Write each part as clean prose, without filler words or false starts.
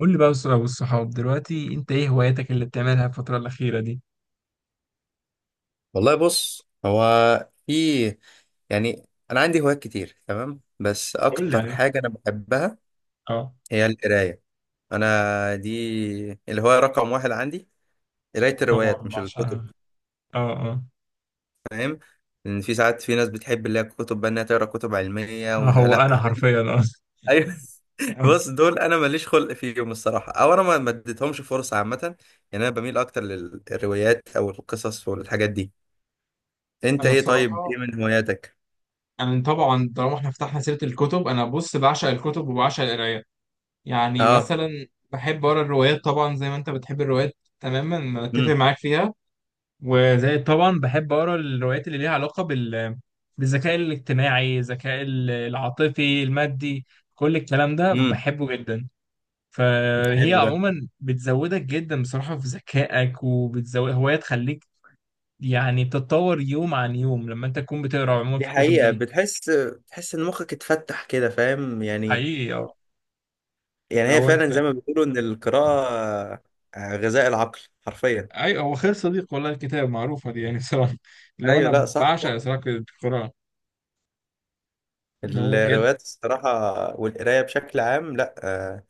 قول لي بقى والصحاب دلوقتي، انت ايه هواياتك اللي بتعملها الفترة الأخيرة دي؟ والله، بص. هو في يعني انا عندي هوايات كتير، تمام. بس قول لي اكتر يعني حاجه انا بحبها اه. هي القرايه. انا دي الهوايه رقم واحد عندي، قرايه طبعا الروايات مش الكتب، بعشقها. اه. اه. فاهم. لان في ساعات في ناس بتحب اللي هي الكتب بقى انها تقرا كتب علميه، آه، ومش، هو لا، انا حرفيا اه. ايوه. بص، دول انا ماليش خلق فيهم الصراحه، او انا ما اديتهمش فرصه عامه، يعني. انا بميل اكتر للروايات او القصص والحاجات دي. انت انا ايه؟ طيب، بصراحه ايه من هواياتك؟ انا طبعا طالما احنا فتحنا سيره الكتب، انا بص بعشق الكتب وبعشق القرايه. يعني اه. مثلا بحب اقرا الروايات، طبعا زي ما انت بتحب الروايات تماما، أنا اتفق امم معاك فيها. وزي طبعا بحب اقرا الروايات اللي ليها علاقه بالذكاء الاجتماعي، الذكاء العاطفي المادي. كل الكلام ده إمم. بحبه جدا. فهي حلو ده. عموما بتزودك جدا بصراحه في ذكائك، وبتزود هوايه تخليك يعني تتطور يوم عن يوم لما انت تكون بتقرا عموما دي في الكتب حقيقة، دي. بتحس ان مخك اتفتح كده، فاهم، يعني. حقيقي اه. يعني هي لو فعلا انت زي ما بيقولوا ان القراءة غذاء العقل، حرفيا. اي، هو خير صديق والله الكتاب، معروفه دي يعني. صراحه لو ايوه، لا، انا صح بعشق صح، صراحه القراءه، ان هو بجد الروايات الصراحة والقراية بشكل عام، لا. آه،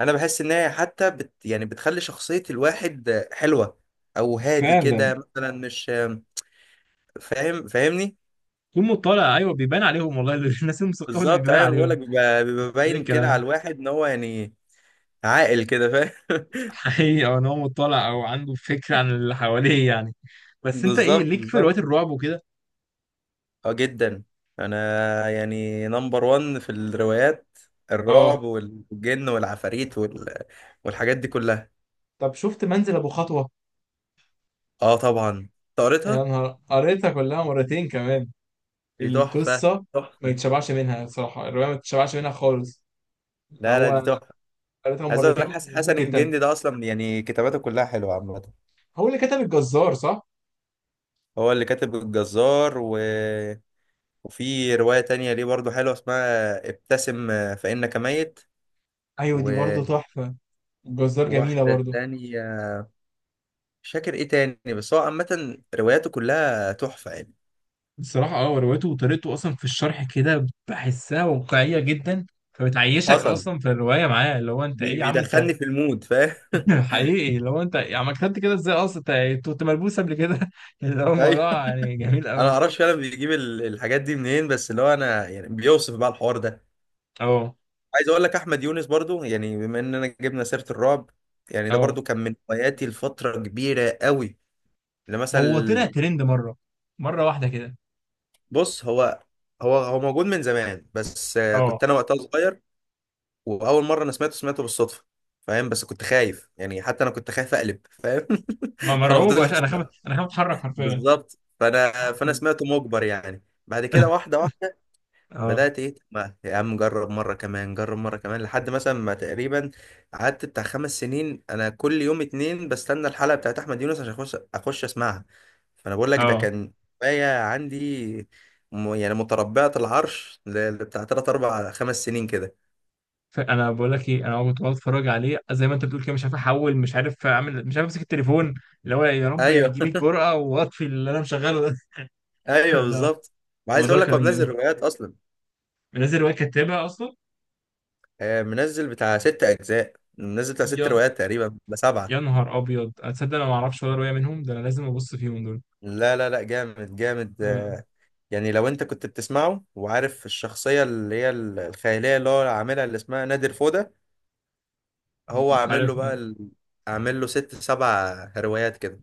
انا بحس ان هي حتى بت يعني بتخلي شخصية الواحد حلوة، او هادي فعلا كده مثلا، مش آه، فاهم، فاهمني؟ يوم مطلع، ايوه بيبان عليهم والله. الناس المثقفه دي بالظبط. بيبان ايوه، بقول عليهم. لك، بيبقى ده باين كده على الكلام. الواحد ان هو يعني عاقل كده، فاهم. حقيقي أه، ان هو مطلع او عنده فكره عن اللي حواليه يعني. بس انت ايه بالظبط ليك في بالظبط. روايات الرعب وكده؟ اه جدا. انا يعني نمبر وان في الروايات، اه. الرعب والجن والعفاريت والحاجات دي كلها. طب شفت منزل ابو خطوه؟ اه طبعا، يا قريتها. نهار، قريتها كلها مرتين كمان. دي تحفة، القصه ما تحفة. يتشبعش منها صراحه، الروايه ما تتشبعش منها خالص. اللي لا لا، دي هو تحفة. قريتها عايز اقول لك مرتين حسن وممكن تالتة. الجندي ده اصلا، يعني كتاباته كلها حلوة عامة. هو اللي كتب الجزار صح؟ هو اللي كاتب الجزار وفي رواية تانية ليه برضو حلوة، اسمها ابتسم فإنك ميت. ايوه دي برضه تحفه، الجزار جميله وواحدة برضه. تانية مش فاكر ايه تاني، بس هو عامة رواياته كلها تحفة، يعني. الصراحة اه روايته وطريقته أصلا في الشرح كده بحسها واقعية جدا. فبتعيشك حصل. أصلا في الرواية معاه، اللي هو أنت إيه يا عم أنت. بيدخلني في المود، فاهم. حقيقي اللي هو أنت يا عم كتبت كده إزاي أصلا؟ أنت أنت كنت ملبوس قبل كده. اللي هو ايوه. الموضوع يعني جميل انا ما أوي. اعرفش فعلا بيجيب الحاجات دي منين، بس اللي هو انا يعني بيوصف بقى الحوار ده. أه. عايز اقول لك احمد يونس برضو، يعني بما اننا جبنا سيره الرعب، يعني ده أه. برضو كان من هواياتي لفتره كبيره قوي. اللي هو طلع مثلا، ترند مرة، مرة واحدة كده. بص، هو هو هو موجود من زمان، بس أه. كنت انا وقتها صغير. واول مره انا سمعته بالصدفه، فاهم. بس كنت خايف، يعني حتى انا كنت خايف اقلب، فاهم. ما فانا مرعوب يا باشا، فضلت. أنا خايف أنا خايف أتحرك حرفيا. بالظبط. فانا سمعته مجبر، يعني بعد كده واحده واحده أه. بدأت، ايه، ما يا عم جرب مرة كمان، جرب مرة كمان، لحد مثلا ما تقريبا قعدت بتاع 5 سنين انا كل يوم اتنين بستنى الحلقة بتاعت احمد يونس عشان اخش اخش اسمعها. فانا بقول لك ده أه. كان هواية عندي، يعني متربعة العرش بتاع 3 4 5 سنين كده. فانا بقول لك ايه، انا كنت بقعد اتفرج عليه زي ما انت بتقول كده، مش عارف احول، مش عارف اعمل، مش عارف امسك التليفون. اللي هو يا رب يعني ايوه. تجيلي الجرأة واطفي اللي انا مشغله ده. ايوه ده بالظبط. وعايز الموضوع اقول لك هو كان جميل. منزل روايات اصلا. منزل روايه كاتبها اصلا. منزل بتاع 6 اجزاء، منزل بتاع ست يا روايات تقريبا ب7. يا نهار ابيض، اتصدق انا ما اعرفش ولا روايه منهم؟ ده انا لازم ابص فيهم دول. لا لا لا، جامد جامد، اه. يعني لو انت كنت بتسمعه وعارف الشخصية اللي هي الخيالية اللي هو عاملها، اللي اسمها نادر فودة. هو مش عامل عارف له بقى اه. عامل له 6 7 روايات كده،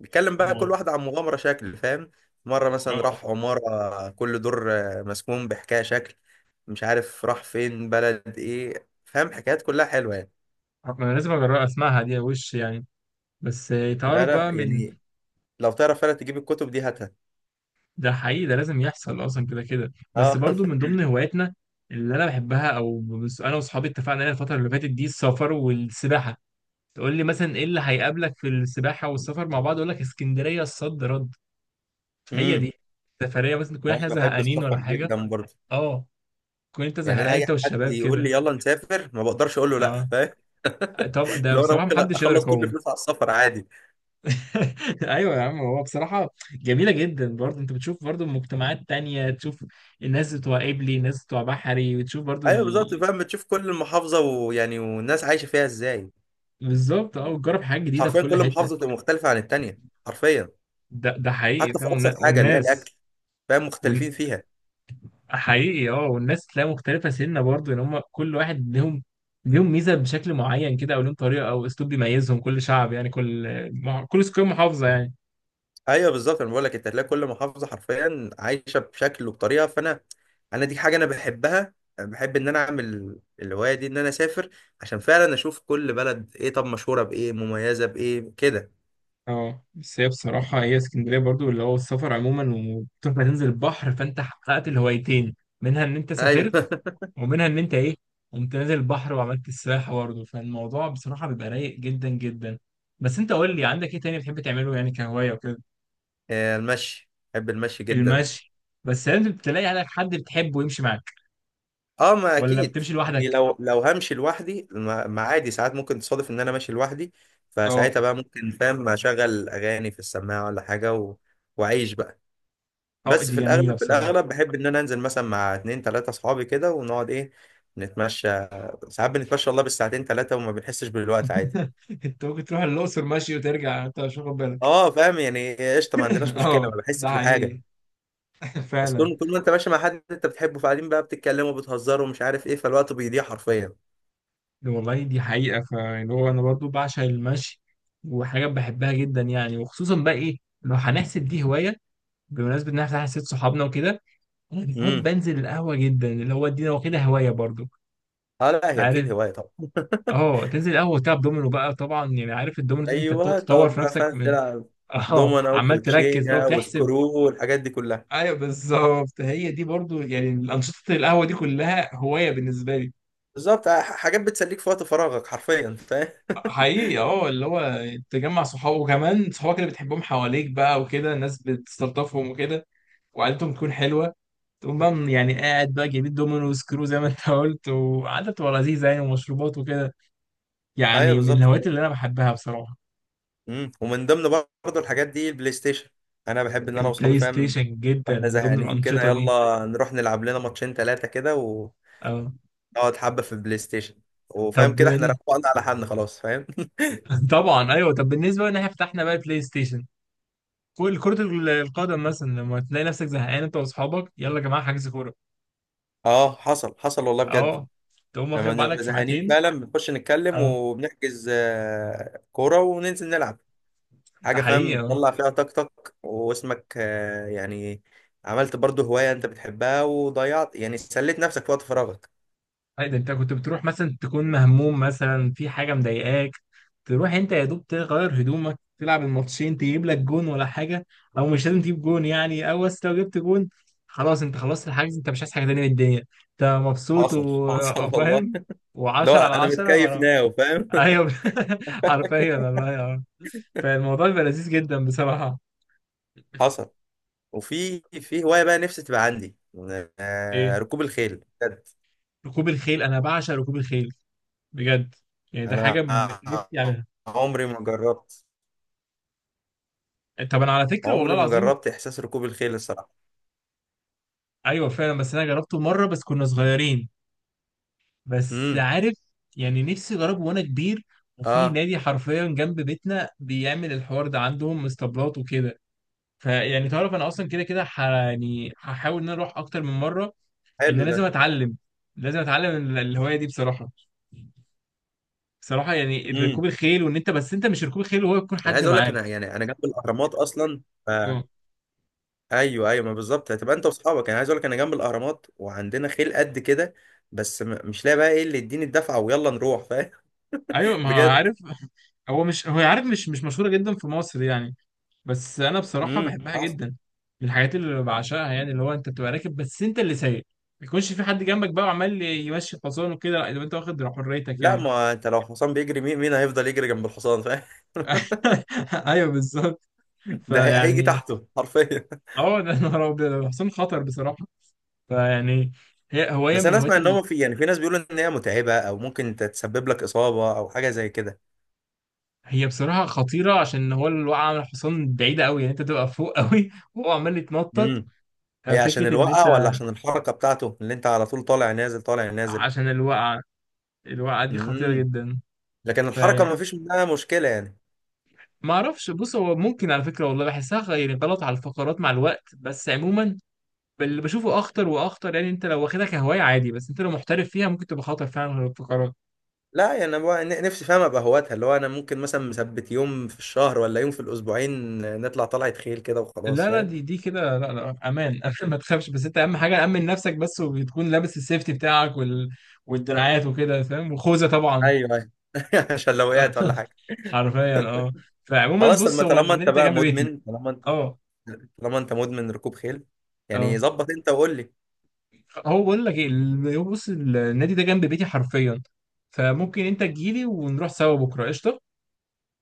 بيتكلم بقى كل والله. واحدة عن مغامرة شكل، فاهم. مرة مثلا اه راح عمارة كل دور مسكون بحكاية شكل، مش عارف راح فين، بلد ايه، فاهم، حكايات كلها حلوة يعني. ما انا لازم اجرب اسمعها دي وش يعني. بس آه، لا تعرف لا، بقى من. يعني لو تعرف فعلا تجيب الكتب دي، هاتها. ده حقيقي، ده لازم يحصل اصلا كده كده. بس اه. برضو من ضمن هواياتنا اللي انا بحبها، او انا واصحابي اتفقنا عليها الفتره اللي فاتت دي، السفر والسباحه. تقول لي مثلا ايه اللي هيقابلك في السباحه والسفر مع بعض؟ اقول لك اسكندريه الصد رد. هي امم. دي سفريه مثلا تكون انا احنا بحب زهقانين السفر ولا حاجه. جدا برضه. اه. تكون انت يعني انا زهقان اي انت حد والشباب يقول كده. لي يلا نسافر ما بقدرش اقول له لا، اه. فاهم. طب ده لو انا بصراحه ممكن محدش يقدر اخلص كل يقاوم. فلوس على السفر، عادي. ايوه يا عم، هو بصراحه جميله جدا برضه انت بتشوف برضه مجتمعات تانية، تشوف الناس بتوع قبلي الناس بتوع بحري، وتشوف برضه. ايوه بالظبط، فاهم، بتشوف كل محافظه، ويعني والناس عايشه فيها ازاي. بالظبط اه، وتجرب حاجات جديده في حرفيا كل كل حته. محافظه بتبقى مختلفه عن التانيه، حرفيا. ده حقيقي حتى في فاهم، ابسط حاجه اللي هي والناس الاكل، فاهم، مختلفين ون... فيها. حقيقي اه. والناس تلاقي مختلفة سنة برضه، ان هم كل واحد ليهم ليهم ميزة بشكل معين كده، او ليهم طريقة او اسلوب بيميزهم، كل شعب يعني، كل كل سكان محافظة يعني. ايوه بالظبط، انا بقول لك انت هتلاقي كل محافظه حرفيا عايشه بشكل وبطريقه. فانا، انا دي حاجه انا بحبها، بحب ان انا اعمل الهوايه دي ان انا اسافر، عشان فعلا اشوف كل بلد ايه، طب مشهوره بايه، مميزه بايه كده. اه بس هي بصراحة، هي اسكندرية برضو اللي هو السفر عموما، وتروح ما تنزل البحر فانت حققت الهوايتين، منها ان انت ايوه. سافرت، ومنها ان انت ايه، قمت نازل البحر وعملت السباحة برضو. فالموضوع بصراحة بيبقى رايق جدا جدا. بس انت قول لي عندك ايه تاني بتحب تعمله يعني كهواية وكده؟ المشي، بحب المشي جدا. المشي. بس لازم تلاقي عليك حد بتحبه يمشي معاك. اه، ما ولا اكيد بتمشي يعني، لوحدك؟ لو همشي لوحدي ما، عادي ساعات ممكن تصادف ان انا ماشي لوحدي. اه. فساعتها بقى ممكن، فاهم، اشغل اغاني في السماعه ولا حاجه واعيش بقى. اه بس دي في جميلة الاغلب، بصراحة. بحب ان انا انزل مثلا مع اتنين تلاته اصحابي كده، ونقعد، ايه، نتمشى. ساعات بنتمشى والله بالساعتين 3 وما بنحسش بالوقت، عادي. انت ممكن تروح الأقصر ماشي وترجع انت مش واخد بالك. اه فاهم، يعني قشطه، ما عندناش مشكله، اه ما ده بحسش حقيقي. بحاجه. اصل فعلا. طول طول ما انت ماشي مع حد انت بتحبه، فقاعدين بقى بتتكلموا وبتهزروا ومش عارف ايه، فالوقت بيضيع حرفيا. والله دي حقيقة. فاللي هو أنا برضو بعشق المشي، وحاجة بحبها جدا يعني. وخصوصا بقى إيه لو هنحسب دي هواية، بمناسبة إن إحنا حسيت صحابنا وكده، أنا بحب امم أنزل القهوة جدا. اللي هو دي أنا واخدها هواية برضو. أنت اه، لا هي عارف، اكيد هوايه طبعا. أه تنزل القهوة وتلعب دومينو بقى طبعا، يعني عارف الدومينو دي أنت بتقعد ايوه تطور تقعد في بقى، نفسك فاهم، من. تلعب أه، دومنا عمال تركز بقى وكوتشينه وتحسب. وسكرو والحاجات دي كلها. أيوه بالظبط، هي دي برضو يعني الأنشطة القهوة دي كلها هواية بالنسبة لي. بالظبط. حاجات بتسليك في وقت فراغك، حرفيا، فاهم. حقيقي اه. اللي هو تجمع صحابه، وكمان صحابك اللي بتحبهم حواليك بقى وكده، الناس بتستلطفهم وكده، وقعدتهم تكون حلوة. تقوم بقى يعني قاعد بقى جايبين دومينو وسكرو زي ما انت قلت، وقعدة بتبقى لذيذة يعني، ومشروبات وكده. ايوه يعني من بالظبط. الهوايات اللي انا بحبها بصراحة. ومن ضمن برضه الحاجات دي البلاي ستيشن. انا بحب ان انا واصحابي، البلاي فاهم، ستيشن جدا واحنا من ضمن زهقانين كده، الأنشطة دي. يلا نروح نلعب لنا ماتشين ثلاثه كده ونقعد اه. حبه في البلاي ستيشن، وفاهم طب كده احنا روقنا على حالنا خلاص، فاهم. طبعا ايوه، طب بالنسبة ان احنا فتحنا بقى البلاي ستيشن، كل كرة القدم مثلا، لما تلاقي نفسك زهقان انت واصحابك، يلا يا جماعة حجز كورة. اه حصل حصل والله، بجد. اه. تقوم واخد لما بعدك بنبقى زهقانين ساعتين. فعلا بنخش نتكلم آه. وبنحجز كورة وننزل نلعب ده حاجة، حقيقي فاهم، اه. تطلع فيها طاقتك واسمك يعني. عملت برضو هواية انت بتحبها، وضيعت، يعني سليت نفسك في وقت فراغك. أي ده انت كنت بتروح مثلا تكون مهموم مثلا في حاجه مضايقاك، تروح انت يا دوب تغير هدومك تلعب الماتشين، تجيب لك جون ولا حاجه. او مش لازم تجيب جون يعني. او بس لو جبت جون خلاص، انت خلصت الحجز، انت مش عايز حاجه تانيه من الدنيا، انت مبسوط حصل حصل والله. وفاهم و10 على لو انا 10 متكيف ورا. ناو، فاهم. ايوه. حرفيا والله اه. فالموضوع بيبقى لذيذ جدا بصراحه. حصل. وفي في هواية بقى نفسي تبقى عندي، ايه؟ ركوب الخيل، بجد. ركوب الخيل! انا بعشق ركوب الخيل بجد. يعني ده حاجه انا نفسي اعملها. عمري ما جربت، طب انا على فكره والله عمري ما العظيم، جربت احساس ركوب الخيل، الصراحة. ايوه فعلا. بس انا جربته مره بس كنا صغيرين، بس امم. عارف يعني نفسي اجربه وانا كبير. وفي اه نادي حرفيا جنب بيتنا بيعمل الحوار ده، عندهم اسطبلات وكده. فيعني تعرف انا اصلا كده كده يعني هحاول ان انا اروح اكتر من مره. ان أنا حلو ده. لازم اتعلم، لازم اتعلم الهوايه دي بصراحه. بصراحه يعني ركوب امم. الخيل، وان انت بس انت مش ركوب الخيل وهو يكون انا حد عايز اقول لك، معاك. انا يعني انا جنب الاهرامات اصلا، ف... اه. ايوه ايوه، ما بالظبط، هتبقى انت واصحابك، انا عايز اقول لك انا جنب الاهرامات وعندنا خيل قد كده، بس مش لاقي بقى ايه اللي يديني الدفعه ويلا نروح، فاهم. ايوه ما هو بجد. عارف، هو مش عارف، مش مشهوره جدا في مصر يعني. بس انا بصراحه بحبها حصل. جدا، من الحاجات اللي بعشقها يعني. اللي هو انت بتبقى راكب بس انت اللي سايق، ما يكونش في حد جنبك بقى وعمال يمشي الحصان وكده، لا يبقى انت واخد حريتك لا، يعني. ما انت لو حصان بيجري، مين مين هيفضل يجري جنب الحصان، فاهم. ايوه بالظبط. ده هيجي فيعني تحته حرفيا. اه، ده نهار ابيض، الحصان خطر بصراحه. فيعني هي هوايه بس من انا اسمع الهوايات ان هو في، يعني في ناس بيقولوا ان هي متعبه او ممكن تتسبب لك اصابه او حاجه زي كده. هي بصراحه خطيره، عشان هو الوقعه من الحصان بعيده قوي يعني، انت تبقى فوق قوي وهو عمال يتنطط. امم. هي عشان فكره ان انت، الوقعة، ولا عشان الحركة بتاعته اللي انت على طول طالع نازل طالع نازل؟ عشان الوقعه، الوقعه دي خطيره امم. جدا. لكن الحركة فيعني ما فيش منها مشكلة، يعني. ما اعرفش، بص هو ممكن على فكره والله بحسها يعني غلط على الفقرات مع الوقت. بس عموما اللي بشوفه اخطر واخطر، يعني انت لو واخدها كهوايه عادي، بس انت لو محترف فيها ممكن تبقى خطر فعلا على الفقرات. لا يعني انا بقى نفسي، فاهم، ابقى هواتها، اللي هو انا ممكن مثلا مثبت يوم في الشهر ولا يوم في الاسبوعين نطلع طلعة خيل كده وخلاص، لا لا فاهم. دي دي كده، لا لا امان. امان ما تخافش. بس انت اهم حاجه امن نفسك بس، وتكون لابس السيفتي بتاعك والدراعات وكده فاهم، وخوذه طبعا. ايوه ايوه. عشان لو وقعت ولا حاجة. حرفيا اه. فعموما خلاص. طب بص، ما هو النادي ده جنب بيتي. اه. طالما انت مدمن ركوب خيل، يعني اه. ظبط انت وقول لي. هو بقول لك ايه هو بص النادي ده جنب بيتي حرفيا، فممكن انت تجيلي ونروح سوا بكره قشطه.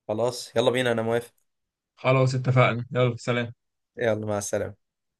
خلاص يلا بينا، انا موافق. خلاص اتفقنا، يلا سلام. يلا مع السلامة.